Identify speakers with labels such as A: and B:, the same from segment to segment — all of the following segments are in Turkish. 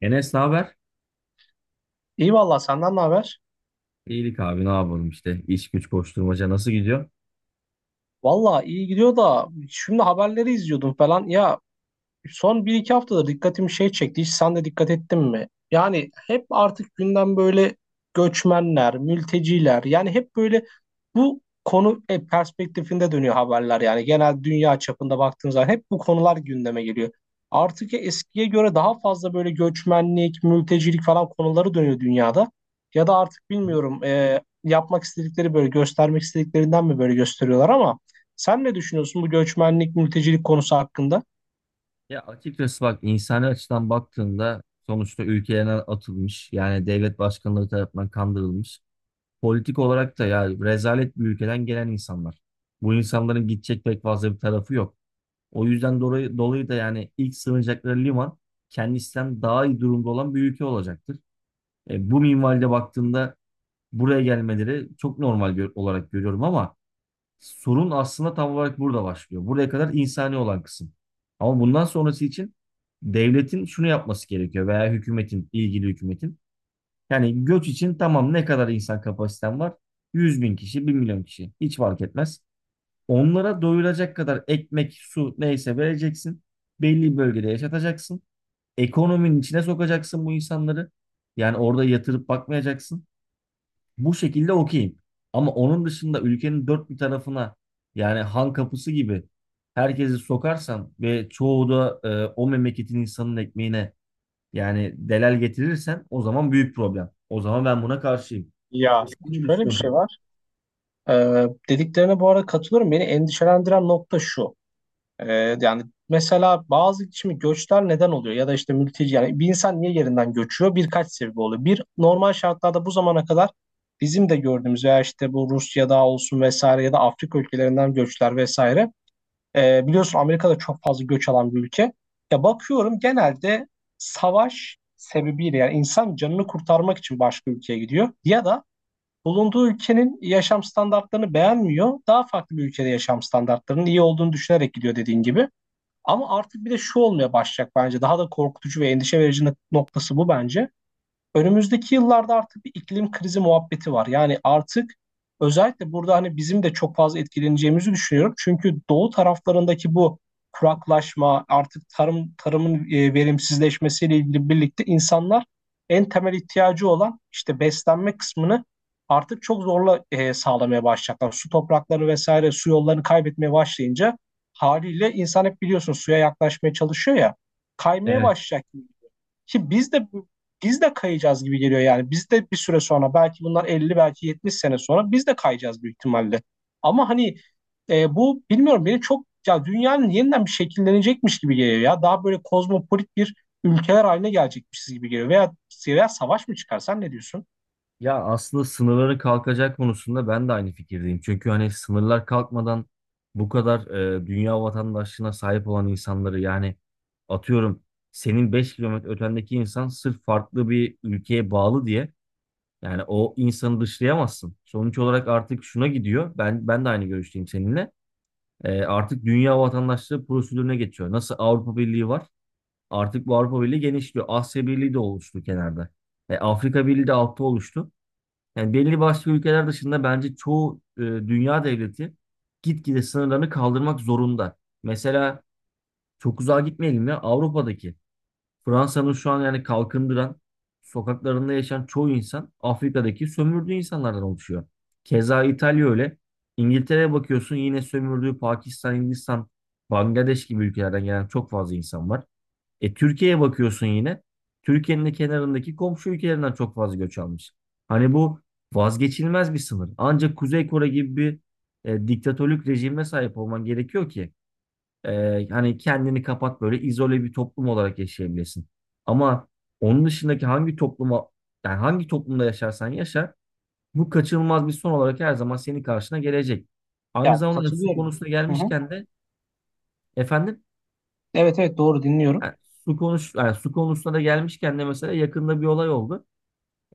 A: Enes, ne haber?
B: İyi valla senden ne haber?
A: İyilik abi, ne yapalım işte. İş güç koşturmaca nasıl gidiyor?
B: Valla iyi gidiyor da şimdi haberleri izliyordum falan. Ya son bir iki haftada dikkatimi çekti. Hiç sen de dikkat ettin mi? Yani hep artık gündem böyle göçmenler, mülteciler, yani hep böyle bu konu perspektifinde dönüyor haberler, yani genel dünya çapında baktığın zaman hep bu konular gündeme geliyor. Artık eskiye göre daha fazla böyle göçmenlik, mültecilik falan konuları dönüyor dünyada. Ya da artık bilmiyorum, yapmak istedikleri böyle göstermek istediklerinden mi böyle gösteriyorlar, ama sen ne düşünüyorsun bu göçmenlik, mültecilik konusu hakkında?
A: Ya açıkçası bak, insani açıdan baktığında sonuçta ülkelerine atılmış, yani devlet başkanları tarafından kandırılmış. Politik olarak da ya rezalet bir ülkeden gelen insanlar. Bu insanların gidecek pek fazla bir tarafı yok. O yüzden dolayı da yani ilk sığınacakları liman kendisinden daha iyi durumda olan bir ülke olacaktır. Bu minvalde baktığımda buraya gelmeleri çok normal olarak görüyorum ama sorun aslında tam olarak burada başlıyor. Buraya kadar insani olan kısım. Ama bundan sonrası için devletin şunu yapması gerekiyor, veya hükümetin, ilgili hükümetin. Yani göç için tamam, ne kadar insan kapasiten var? 100.000 kişi, 1 milyon kişi. Hiç fark etmez. Onlara doyulacak kadar ekmek, su, neyse vereceksin. Belli bir bölgede yaşatacaksın. Ekonominin içine sokacaksın bu insanları. Yani orada yatırıp bakmayacaksın bu şekilde, okeyim. Ama onun dışında ülkenin dört bir tarafına, yani han kapısı gibi herkesi sokarsan ve çoğu da o memleketin insanın ekmeğine yani delal getirirsen, o zaman büyük problem. O zaman ben buna karşıyım.
B: Ya
A: Sen ne
B: şöyle bir şey
A: düşünüyorsun?
B: var. Dediklerine bu arada katılıyorum. Beni endişelendiren nokta şu. Ee, yani Mesela bazı şimdi göçler neden oluyor? Ya da işte mülteci, yani bir insan niye yerinden göçüyor? Birkaç sebebi oluyor. Bir, normal şartlarda bu zamana kadar bizim de gördüğümüz ya işte bu Rusya'da olsun vesaire, ya da Afrika ülkelerinden göçler vesaire. Biliyorsun Amerika'da çok fazla göç alan bir ülke. Ya bakıyorum genelde savaş sebebiyle, yani insan canını kurtarmak için başka ülkeye gidiyor. Ya da bulunduğu ülkenin yaşam standartlarını beğenmiyor. Daha farklı bir ülkede yaşam standartlarının iyi olduğunu düşünerek gidiyor dediğin gibi. Ama artık bir de şu olmaya başlayacak bence. Daha da korkutucu ve endişe verici noktası bu bence. Önümüzdeki yıllarda artık bir iklim krizi muhabbeti var. Yani artık özellikle burada hani bizim de çok fazla etkileneceğimizi düşünüyorum. Çünkü doğu taraflarındaki bu kuraklaşma, artık tarımın verimsizleşmesiyle ilgili birlikte insanlar en temel ihtiyacı olan işte beslenme kısmını artık çok zorla sağlamaya başlayacaklar. Su toprakları vesaire, su yollarını kaybetmeye başlayınca haliyle insan, hep biliyorsun, suya yaklaşmaya çalışıyor ya, kaymaya
A: Evet.
B: başlayacak. Ki biz de biz de kayacağız gibi geliyor yani. Biz de bir süre sonra, belki bunlar 50, belki 70 sene sonra biz de kayacağız büyük ihtimalle. Ama hani bu, bilmiyorum, beni çok, ya dünyanın yeniden bir şekillenecekmiş gibi geliyor ya. Daha böyle kozmopolit bir ülkeler haline gelecekmişiz gibi geliyor. Veya savaş mı çıkarsan ne diyorsun?
A: Ya aslında sınırların kalkacak konusunda ben de aynı fikirdeyim. Çünkü hani sınırlar kalkmadan bu kadar dünya vatandaşlığına sahip olan insanları, yani atıyorum, senin 5 kilometre ötendeki insan sırf farklı bir ülkeye bağlı diye yani o insanı dışlayamazsın. Sonuç olarak artık şuna gidiyor. Ben de aynı görüşteyim seninle. Artık dünya vatandaşlığı prosedürüne geçiyor. Nasıl Avrupa Birliği var? Artık bu Avrupa Birliği genişliyor. Asya Birliği de oluştu kenarda. Afrika Birliği de altta oluştu. Yani belli başlı ülkeler dışında bence çoğu dünya devleti gitgide sınırlarını kaldırmak zorunda. Mesela çok uzağa gitmeyelim, ya Avrupa'daki Fransa'nın şu an yani kalkındıran sokaklarında yaşayan çoğu insan Afrika'daki sömürdüğü insanlardan oluşuyor. Keza İtalya öyle. İngiltere'ye bakıyorsun yine sömürdüğü Pakistan, Hindistan, Bangladeş gibi ülkelerden gelen çok fazla insan var. E, Türkiye'ye bakıyorsun yine. Türkiye'nin de kenarındaki komşu ülkelerinden çok fazla göç almış. Hani bu vazgeçilmez bir sınır. Ancak Kuzey Kore gibi bir diktatörlük rejime sahip olman gerekiyor ki hani kendini kapat, böyle izole bir toplum olarak yaşayabilirsin. Ama onun dışındaki hangi topluma, yani hangi toplumda yaşarsan yaşa, bu kaçınılmaz bir son olarak her zaman senin karşına gelecek. Aynı
B: Ya
A: zamanda su
B: katılıyorum.
A: konusuna
B: Hı hı.
A: gelmişken de efendim.
B: Evet, evet, doğru, dinliyorum.
A: Yani su konuş yani su konusuna da gelmişken de mesela yakında bir olay oldu.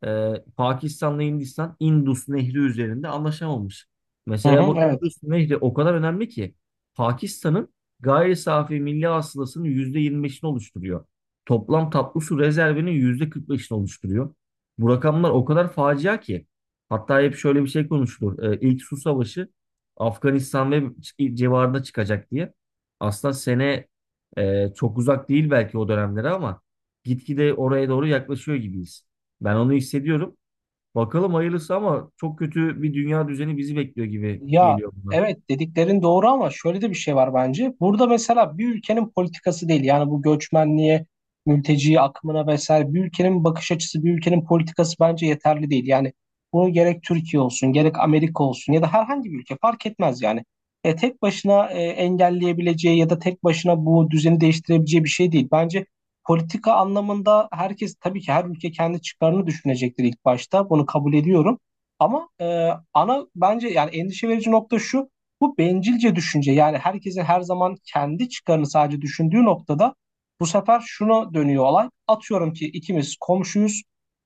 A: Pakistan'la Hindistan Indus Nehri üzerinde anlaşamamış.
B: Hı hı,
A: Mesela bu
B: evet.
A: Indus Nehri o kadar önemli ki Pakistan'ın gayri safi milli hasılasının %25'ini oluşturuyor. Toplam tatlı su rezervinin %45'ini oluşturuyor. Bu rakamlar o kadar facia ki, hatta hep şöyle bir şey konuşulur. İlk su savaşı Afganistan ve civarında çıkacak diye. Aslında sene Çok uzak değil belki o dönemlere ama gitgide oraya doğru yaklaşıyor gibiyiz. Ben onu hissediyorum. Bakalım hayırlısı, ama çok kötü bir dünya düzeni bizi bekliyor gibi
B: Ya
A: geliyor buna.
B: evet, dediklerin doğru ama şöyle de bir şey var bence. Burada mesela bir ülkenin politikası değil, yani bu göçmenliğe, mülteci akımına vesaire bir ülkenin bakış açısı, bir ülkenin politikası bence yeterli değil. Yani bunu gerek Türkiye olsun, gerek Amerika olsun, ya da herhangi bir ülke fark etmez yani. Tek başına engelleyebileceği ya da tek başına bu düzeni değiştirebileceği bir şey değil. Bence politika anlamında herkes, tabii ki her ülke kendi çıkarını düşünecektir ilk başta. Bunu kabul ediyorum. Ama ana bence yani endişe verici nokta şu. Bu bencilce düşünce, yani herkesin her zaman kendi çıkarını sadece düşündüğü noktada bu sefer şuna dönüyor olay. Atıyorum ki ikimiz komşuyuz.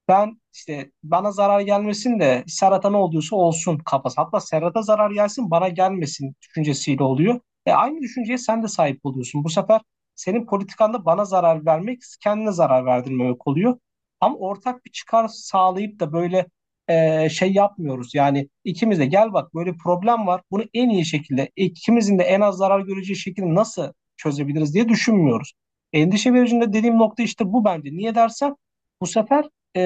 B: Ben işte bana zarar gelmesin de Serhat'a ne oluyorsa olsun kafası. Hatta Serhat'a zarar gelsin, bana gelmesin düşüncesiyle oluyor. E, aynı düşünceye sen de sahip oluyorsun. Bu sefer senin politikanda bana zarar vermek, kendine zarar verdirmemek oluyor. Ama ortak bir çıkar sağlayıp da böyle şey yapmıyoruz. Yani ikimiz de gel bak böyle problem var. Bunu en iyi şekilde ikimizin de en az zarar göreceği şekilde nasıl çözebiliriz diye düşünmüyoruz. Endişe vericinde dediğim nokta işte bu bence. Niye dersen bu sefer, e,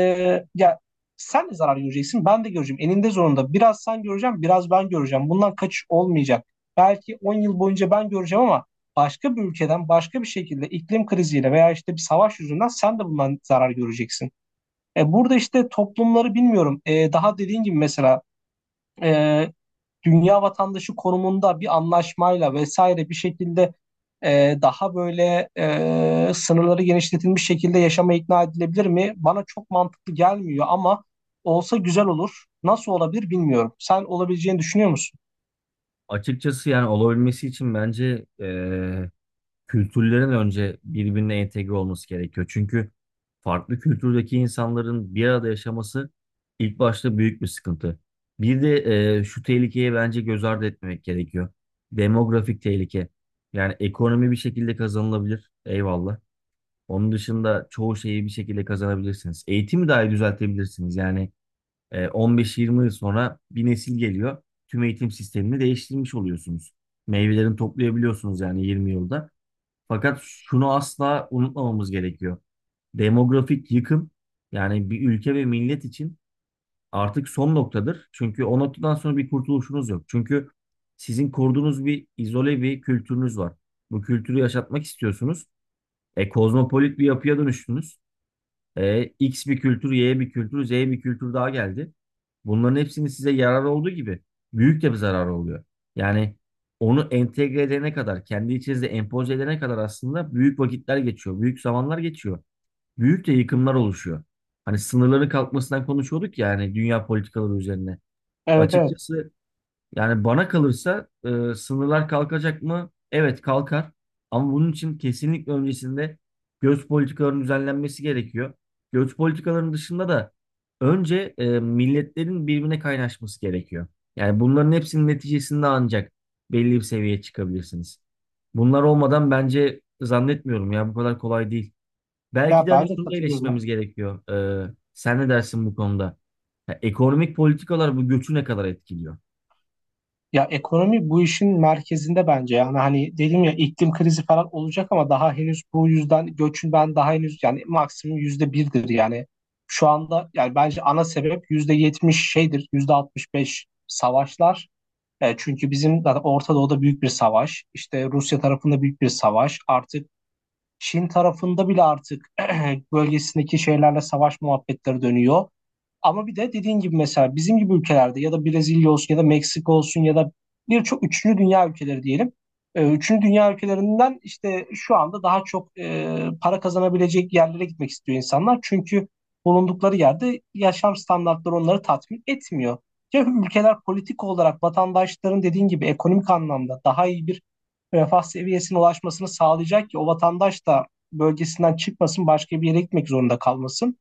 B: ya sen de zarar göreceksin, ben de göreceğim. Eninde zorunda biraz sen göreceğim, biraz ben göreceğim. Bundan kaçış olmayacak. Belki 10 yıl boyunca ben göreceğim, ama başka bir ülkeden başka bir şekilde iklim kriziyle veya işte bir savaş yüzünden sen de bundan zarar göreceksin. E, burada işte toplumları bilmiyorum. Daha dediğin gibi mesela e, dünya vatandaşı konumunda bir anlaşmayla vesaire bir şekilde, daha böyle sınırları genişletilmiş şekilde yaşama ikna edilebilir mi? Bana çok mantıklı gelmiyor, ama olsa güzel olur. Nasıl olabilir bilmiyorum. Sen olabileceğini düşünüyor musun?
A: Açıkçası yani olabilmesi için bence kültürlerin önce birbirine entegre olması gerekiyor. Çünkü farklı kültürdeki insanların bir arada yaşaması ilk başta büyük bir sıkıntı. Bir de şu tehlikeye bence göz ardı etmemek gerekiyor. Demografik tehlike. Yani ekonomi bir şekilde kazanılabilir. Eyvallah. Onun dışında çoğu şeyi bir şekilde kazanabilirsiniz. Eğitimi dahi düzeltebilirsiniz. Yani 15-20 yıl sonra bir nesil geliyor. Tüm eğitim sistemini değiştirmiş oluyorsunuz. Meyvelerini toplayabiliyorsunuz yani 20 yılda. Fakat şunu asla unutmamamız gerekiyor. Demografik yıkım, yani bir ülke ve millet için artık son noktadır. Çünkü o noktadan sonra bir kurtuluşunuz yok. Çünkü sizin kurduğunuz bir izole bir kültürünüz var. Bu kültürü yaşatmak istiyorsunuz. Kozmopolit bir yapıya dönüştünüz. X bir kültür, Y bir kültür, Z bir kültür daha geldi. Bunların hepsinin size yararı olduğu gibi büyük de bir zararı oluyor. Yani onu entegre edene kadar, kendi içinizde empoze edene kadar aslında büyük vakitler geçiyor, büyük zamanlar geçiyor. Büyük de yıkımlar oluşuyor. Hani sınırların kalkmasından konuşuyorduk ya, hani dünya politikaları üzerine.
B: Evet, evet.
A: Açıkçası yani bana kalırsa sınırlar kalkacak mı? Evet, kalkar. Ama bunun için kesinlikle öncesinde göç politikalarının düzenlenmesi gerekiyor. Göç politikalarının dışında da önce milletlerin birbirine kaynaşması gerekiyor. Yani bunların hepsinin neticesinde ancak belli bir seviyeye çıkabilirsiniz. Bunlar olmadan bence zannetmiyorum, ya bu kadar kolay değil. Belki
B: Ya
A: de hani
B: ben de
A: şunu da
B: katılıyorum.
A: eleştirmemiz gerekiyor. Sen ne dersin bu konuda? Ya ekonomik politikalar bu göçü ne kadar etkiliyor?
B: Ya ekonomi bu işin merkezinde bence, yani hani dedim ya iklim krizi falan olacak ama daha henüz bu yüzden göçün ben daha henüz yani maksimum %1'dir yani şu anda, yani bence ana sebep %70 şeydir, %65 savaşlar. E, çünkü bizim zaten Orta Doğu'da büyük bir savaş, işte Rusya tarafında büyük bir savaş, artık Çin tarafında bile artık bölgesindeki şeylerle savaş muhabbetleri dönüyor. Ama bir de dediğin gibi mesela bizim gibi ülkelerde ya da Brezilya olsun ya da Meksika olsun ya da birçok üçüncü dünya ülkeleri diyelim. Üçüncü dünya ülkelerinden işte şu anda daha çok para kazanabilecek yerlere gitmek istiyor insanlar. Çünkü bulundukları yerde yaşam standartları onları tatmin etmiyor. Ya ülkeler politik olarak vatandaşların dediğin gibi ekonomik anlamda daha iyi bir refah seviyesine ulaşmasını sağlayacak ki o vatandaş da bölgesinden çıkmasın, başka bir yere gitmek zorunda kalmasın.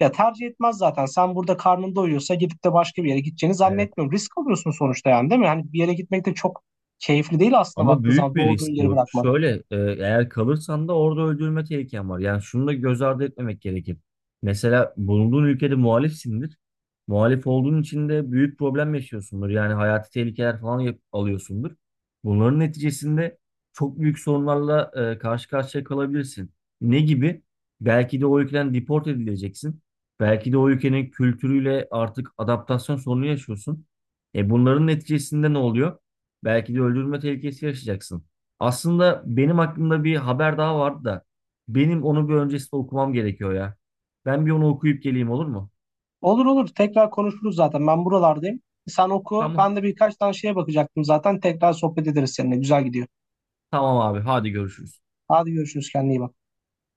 B: Ya tercih etmez zaten. Sen burada karnın doyuyorsa gidip de başka bir yere gideceğini zannetmiyorum. Risk alıyorsun sonuçta, yani değil mi? Hani bir yere gitmek de çok keyifli değil aslında,
A: Ama
B: baktığın
A: büyük
B: zaman
A: bir
B: doğduğun
A: risk
B: yeri
A: bu.
B: bırakmak.
A: Şöyle, eğer kalırsan da orada öldürülme tehliken var. Yani şunu da göz ardı etmemek gerekir. Mesela bulunduğun ülkede muhalifsindir. Muhalif olduğun için de büyük problem yaşıyorsundur. Yani hayati tehlikeler falan alıyorsundur. Bunların neticesinde çok büyük sorunlarla karşı karşıya kalabilirsin. Ne gibi? Belki de o ülkeden deport edileceksin. Belki de o ülkenin kültürüyle artık adaptasyon sorunu yaşıyorsun. E, bunların neticesinde ne oluyor? Belki de öldürülme tehlikesi yaşayacaksın. Aslında benim aklımda bir haber daha vardı da benim onu bir öncesinde okumam gerekiyor ya. Ben bir onu okuyup geleyim, olur mu?
B: Olur, olur, tekrar konuşuruz zaten. Ben buralardayım. Sen oku.
A: Tamam.
B: Ben de birkaç tane şeye bakacaktım zaten. Tekrar sohbet ederiz seninle. Güzel gidiyor.
A: Tamam abi, hadi görüşürüz.
B: Hadi görüşürüz. Kendine iyi bak.